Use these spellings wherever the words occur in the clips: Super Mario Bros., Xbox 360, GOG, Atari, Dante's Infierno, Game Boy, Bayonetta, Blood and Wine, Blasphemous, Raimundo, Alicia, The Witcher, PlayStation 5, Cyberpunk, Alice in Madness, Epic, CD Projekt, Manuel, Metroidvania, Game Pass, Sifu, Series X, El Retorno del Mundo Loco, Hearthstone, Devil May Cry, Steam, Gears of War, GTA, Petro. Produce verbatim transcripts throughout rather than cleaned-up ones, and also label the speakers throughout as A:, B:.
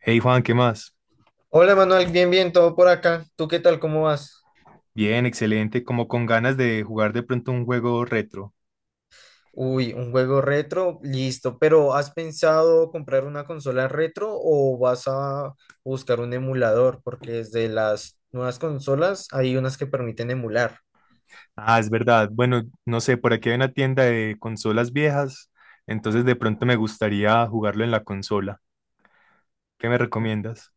A: Hey Juan, ¿qué más?
B: Hola Manuel, bien, bien, todo por acá. ¿Tú qué tal? ¿Cómo vas?
A: Bien, excelente, como con ganas de jugar de pronto un juego retro.
B: Uy, un juego retro, listo. Pero ¿has pensado comprar una consola retro o vas a buscar un emulador? Porque desde las nuevas consolas hay unas que permiten emular.
A: Ah, es verdad. Bueno, no sé, por aquí hay una tienda de consolas viejas, entonces de pronto me gustaría jugarlo en la consola. ¿Qué me recomiendas?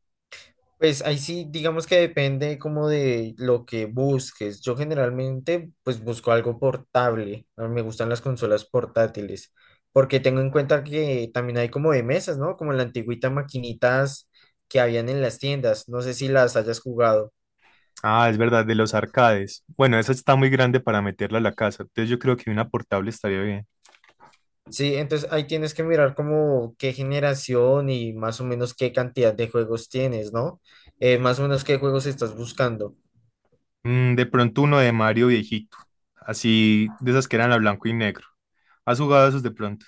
B: Pues ahí sí, digamos que depende como de lo que busques. Yo generalmente pues busco algo portable. A mí me gustan las consolas portátiles, porque tengo en cuenta que también hay como de mesas, ¿no? Como la antigüita maquinitas que habían en las tiendas. No sé si las hayas jugado.
A: Ah, es verdad, de los arcades. Bueno, esa está muy grande para meterla a la casa, entonces yo creo que una portable estaría bien.
B: Sí, entonces ahí tienes que mirar como qué generación y más o menos qué cantidad de juegos tienes, ¿no? Eh, más o menos qué juegos estás buscando.
A: Mm, de pronto uno de Mario viejito, así de esas que eran a blanco y negro. ¿Has jugado esos de pronto?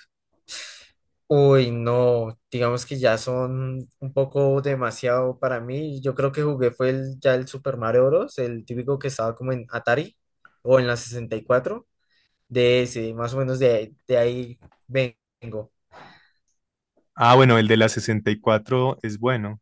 B: Uy, no, digamos que ya son un poco demasiado para mí. Yo creo que jugué fue el, ya el Super Mario Bros., el típico que estaba como en Atari o en la sesenta y cuatro, de ese, más o menos de, de ahí vengo.
A: Ah, bueno, el de la sesenta y cuatro es bueno.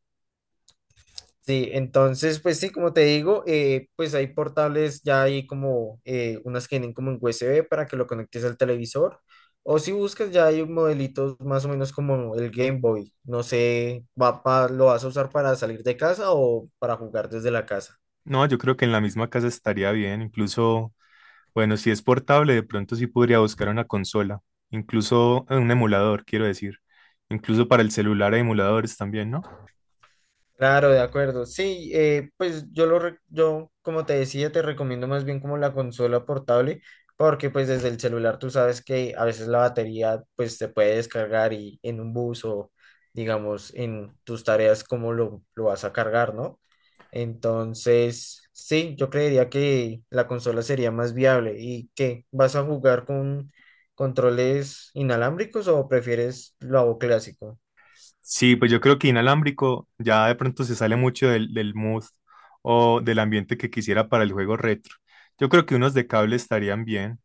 B: Sí, entonces, pues sí, como te digo, eh, pues hay portables, ya hay como eh, unas que vienen como en U S B para que lo conectes al televisor, o si buscas ya hay modelitos más o menos como el Game Boy, no sé, va pa- ¿lo vas a usar para salir de casa o para jugar desde la casa?
A: No, yo creo que en la misma casa estaría bien. Incluso, bueno, si es portable, de pronto sí podría buscar una consola. Incluso eh, un emulador, quiero decir. Incluso para el celular hay emuladores también, ¿no?
B: Claro, de acuerdo. Sí, eh, pues yo lo, re- yo como te decía, te recomiendo más bien como la consola portable, porque pues desde el celular tú sabes que a veces la batería pues se puede descargar y en un bus o digamos en tus tareas cómo lo, lo vas a cargar, ¿no? Entonces, sí, yo creería que la consola sería más viable. ¿Y qué? ¿Vas a jugar con controles inalámbricos o prefieres lo clásico?
A: Sí, pues yo creo que inalámbrico ya de pronto se sale mucho del, del mood o del ambiente que quisiera para el juego retro. Yo creo que unos de cable estarían bien.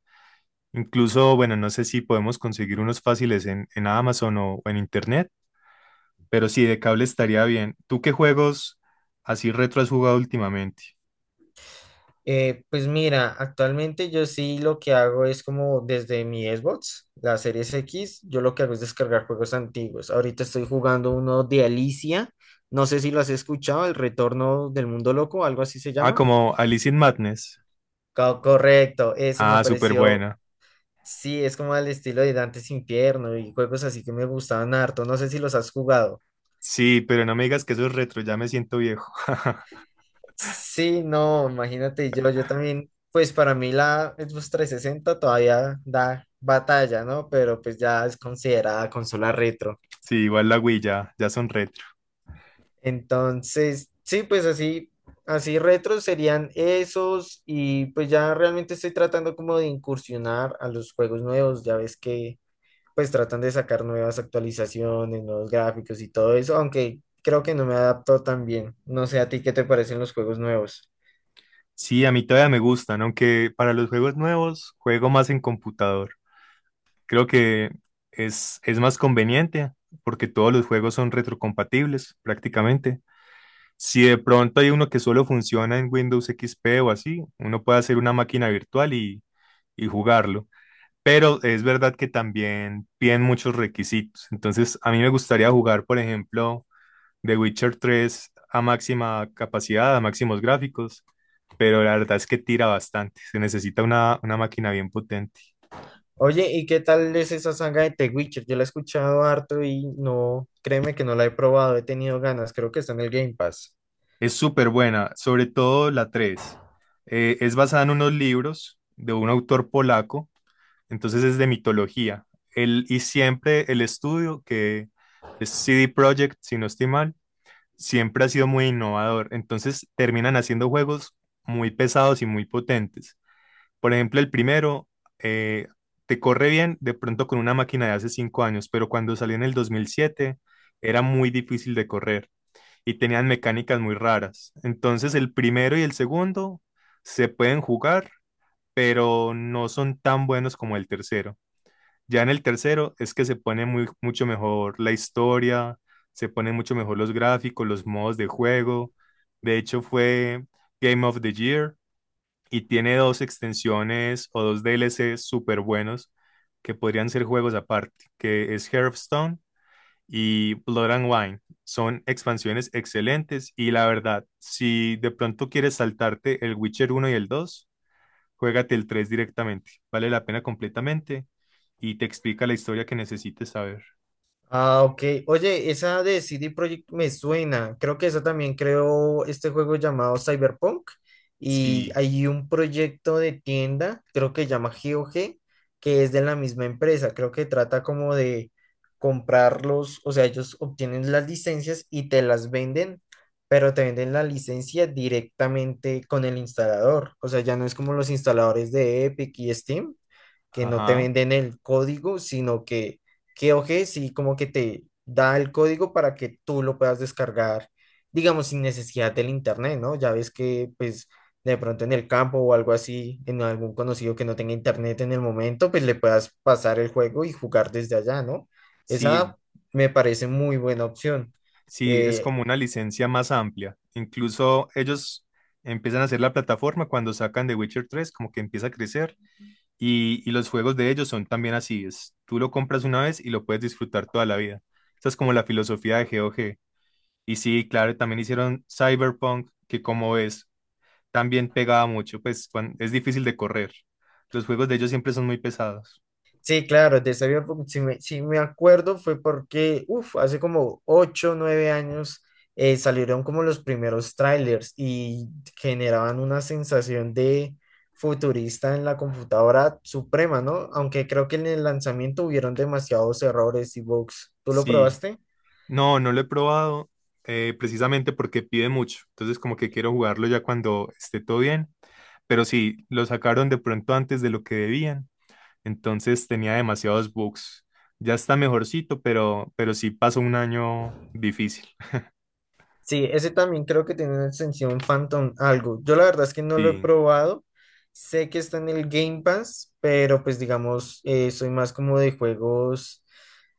A: Incluso, bueno, no sé si podemos conseguir unos fáciles en, en Amazon o en Internet. Pero sí, de cable estaría bien. ¿Tú qué juegos así retro has jugado últimamente?
B: Eh, pues mira, actualmente yo sí lo que hago es como desde mi Xbox, la Series X, yo lo que hago es descargar juegos antiguos. Ahorita estoy jugando uno de Alicia, no sé si lo has escuchado, El Retorno del Mundo Loco, algo así se
A: Ah,
B: llama.
A: como Alice in Madness.
B: Co- correcto, ese me
A: Ah, súper
B: pareció,
A: buena.
B: sí, es como al estilo de Dantes Infierno y juegos así que me gustaban harto, no sé si los has jugado.
A: Sí, pero no me digas que eso es retro, ya me siento viejo.
B: Sí, no, imagínate yo, yo también, pues para mí la Xbox trescientos sesenta todavía da batalla, ¿no? Pero pues ya es considerada consola retro.
A: Sí, igual la Wii ya, ya son retro.
B: Entonces, sí, pues así, así retro serían esos y pues ya realmente estoy tratando como de incursionar a los juegos nuevos, ya ves que pues tratan de sacar nuevas actualizaciones, nuevos gráficos y todo eso, aunque creo que no me adapto tan bien. No sé a ti qué te parecen los juegos nuevos.
A: Sí, a mí todavía me gustan, aunque para los juegos nuevos juego más en computador. Creo que es, es más conveniente porque todos los juegos son retrocompatibles prácticamente. Si de pronto hay uno que solo funciona en Windows X P o así, uno puede hacer una máquina virtual y, y jugarlo. Pero es verdad que también piden muchos requisitos. Entonces, a mí me gustaría jugar, por ejemplo, The Witcher tres a máxima capacidad, a máximos gráficos, pero la verdad es que tira bastante. Se necesita una, una máquina bien potente.
B: Oye, ¿y qué tal es esa saga de The Witcher? Yo la he escuchado harto y no, créeme que no la he probado, he tenido ganas, creo que está en el Game Pass.
A: Es súper buena, sobre todo la tres. Es basada en unos libros de un autor polaco, entonces es de mitología. El, y siempre el estudio, que es C D Projekt, si no estoy mal, siempre ha sido muy innovador. Entonces terminan haciendo juegos muy pesados y muy potentes. Por ejemplo, el primero eh, te corre bien de pronto con una máquina de hace cinco años, pero cuando salió en el dos mil siete era muy difícil de correr y tenían mecánicas muy raras. Entonces el primero y el segundo se pueden jugar, pero no son tan buenos como el tercero. Ya en el tercero es que se pone muy, mucho mejor la historia, se ponen mucho mejor los gráficos, los modos de juego. De hecho fue Game of the Year y tiene dos extensiones o dos D L C súper buenos que podrían ser juegos aparte, que es Hearthstone y Blood and Wine. Son expansiones excelentes y la verdad, si de pronto quieres saltarte el Witcher uno y el dos, juégate el tres directamente. Vale la pena completamente y te explica la historia que necesites saber.
B: Ah, ok. Oye, esa de C D Projekt me suena. Creo que esa también creó este juego llamado Cyberpunk. Y
A: Sí,
B: hay un proyecto de tienda, creo que llama G O G, que es de la misma empresa. Creo que trata como de comprarlos, o sea, ellos obtienen las licencias y te las venden, pero te venden la licencia directamente con el instalador. O sea, ya no es como los instaladores de Epic y Steam que no te
A: ajá,
B: venden el código, sino que GeoG sí como que te da el código para que tú lo puedas descargar, digamos, sin necesidad del internet, ¿no? Ya ves que pues de pronto en el campo o algo así, en algún conocido que no tenga internet en el momento, pues le puedas pasar el juego y jugar desde allá, ¿no?
A: sí,
B: Esa me parece muy buena opción.
A: sí, es
B: Eh,
A: como una licencia más amplia. Incluso ellos empiezan a hacer la plataforma cuando sacan The Witcher tres como que empieza a crecer. Y, y los juegos de ellos son también así, es, tú lo compras una vez y lo puedes disfrutar toda la vida. Esa es como la filosofía de G O G. Y sí, claro, también hicieron Cyberpunk, que como ves, también pegaba mucho, pues cuan- es difícil de correr. Los juegos de ellos siempre son muy pesados.
B: Sí, claro, de esa vida, pues, si me, si me acuerdo fue porque, uff, hace como ocho nueve años eh, salieron como los primeros trailers y generaban una sensación de futurista en la computadora suprema, ¿no? Aunque creo que en el lanzamiento hubieron demasiados errores y bugs. ¿Tú lo
A: Sí,
B: probaste?
A: no, no lo he probado eh, precisamente porque pide mucho. Entonces como que quiero jugarlo ya cuando esté todo bien. Pero sí, lo sacaron de pronto antes de lo que debían. Entonces tenía demasiados bugs. Ya está mejorcito, pero, pero sí pasó un año difícil.
B: Sí, ese también creo que tiene una extensión Phantom algo. Yo la verdad es que no lo he
A: Sí.
B: probado. Sé que está en el Game Pass, pero pues digamos, eh, soy más como de juegos,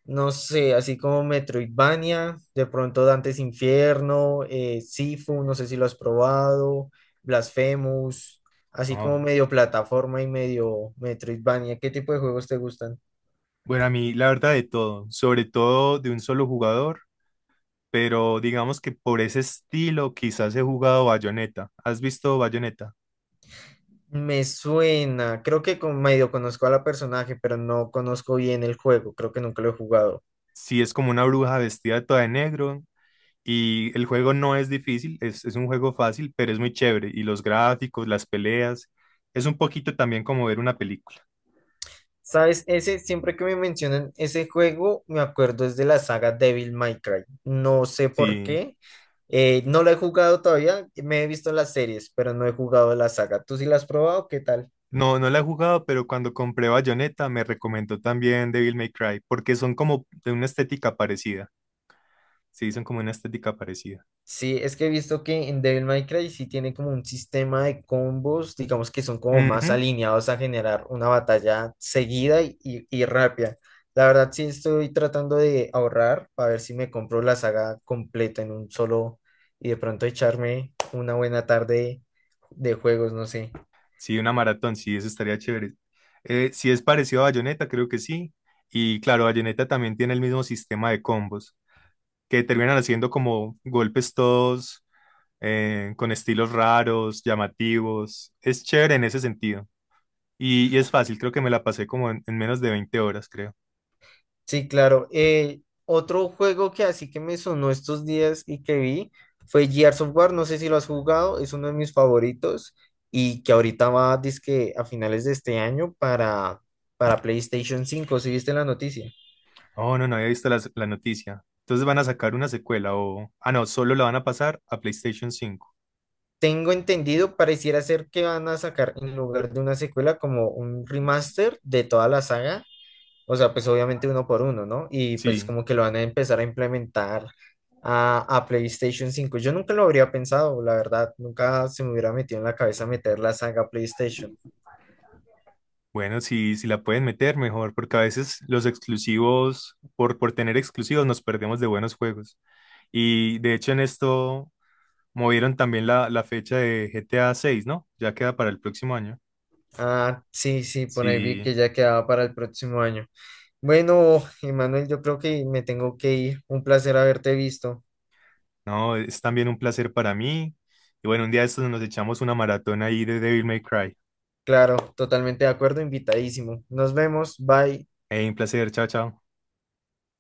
B: no sé, así como Metroidvania, de pronto Dante's Infierno, eh, Sifu, no sé si lo has probado, Blasphemous, así como
A: No.
B: medio plataforma y medio Metroidvania. ¿Qué tipo de juegos te gustan?
A: Bueno, a mí la verdad de todo, sobre todo de un solo jugador, pero digamos que por ese estilo quizás he jugado Bayonetta. ¿Has visto Bayonetta?
B: Me suena, creo que con, medio conozco a la personaje, pero no conozco bien el juego, creo que nunca lo he jugado.
A: Sí, es como una bruja vestida toda de negro y el juego no es difícil, es, es un juego fácil, pero es muy chévere. Y los gráficos, las peleas, es un poquito también como ver una película.
B: ¿Sabes? Ese, siempre que me mencionan ese juego, me acuerdo es de la saga Devil May Cry. No sé por
A: Sí,
B: qué. Eh, no lo he jugado todavía, me he visto las series, pero no he jugado la saga. ¿Tú sí la has probado? ¿Qué tal?
A: no, no la he jugado, pero cuando compré Bayonetta me recomendó también Devil May Cry, porque son como de una estética parecida. Sí, son como una estética parecida.
B: Sí, es que he visto que en Devil May Cry sí tiene como un sistema de combos, digamos que son como más
A: Ujú.
B: alineados a generar una batalla seguida y, y- y rápida. La verdad sí estoy tratando de ahorrar para ver si me compro la saga completa en un solo y de pronto echarme una buena tarde de juegos, no sé.
A: Sí, una maratón, sí, eso estaría chévere. Eh, si es parecido a Bayonetta, creo que sí. Y claro, Bayonetta también tiene el mismo sistema de combos, que terminan haciendo como golpes todos eh, con estilos raros, llamativos. Es chévere en ese sentido. Y, y es fácil, creo que me la pasé como en en menos de veinte horas, creo.
B: Sí, claro. Eh, otro juego que así que me sonó estos días y que vi fue Gears of War. No sé si lo has jugado, es uno de mis favoritos y que ahorita va, dizque a finales de este año para, para PlayStation cinco. ¿Si viste la noticia?
A: Oh, no, no había visto las- la noticia. Entonces van a sacar una secuela o... Ah, no, solo la van a pasar a PlayStation cinco.
B: Tengo entendido, pareciera ser que van a sacar en lugar de una secuela como un remaster de toda la saga. O sea, pues obviamente uno por uno, ¿no? Y pues
A: Sí,
B: como que lo van a empezar a implementar a, a PlayStation cinco. Yo nunca lo habría pensado, la verdad. Nunca se me hubiera metido en la cabeza meter la saga PlayStation.
A: bueno, si si la pueden meter mejor, porque a veces los exclusivos, por, por tener exclusivos, nos perdemos de buenos juegos. Y de hecho en esto movieron también la, la fecha de G T A seis, ¿no? Ya queda para el próximo año.
B: Ah, sí, sí, por ahí vi
A: Sí,
B: que ya quedaba para el próximo año. Bueno, Emanuel, yo creo que me tengo que ir. Un placer haberte visto.
A: no, es también un placer para mí. Y bueno, un día de estos nos echamos una maratón ahí de Devil May Cry.
B: Claro, totalmente de acuerdo, invitadísimo. Nos vemos, bye.
A: Hey, un placer, chao, chao.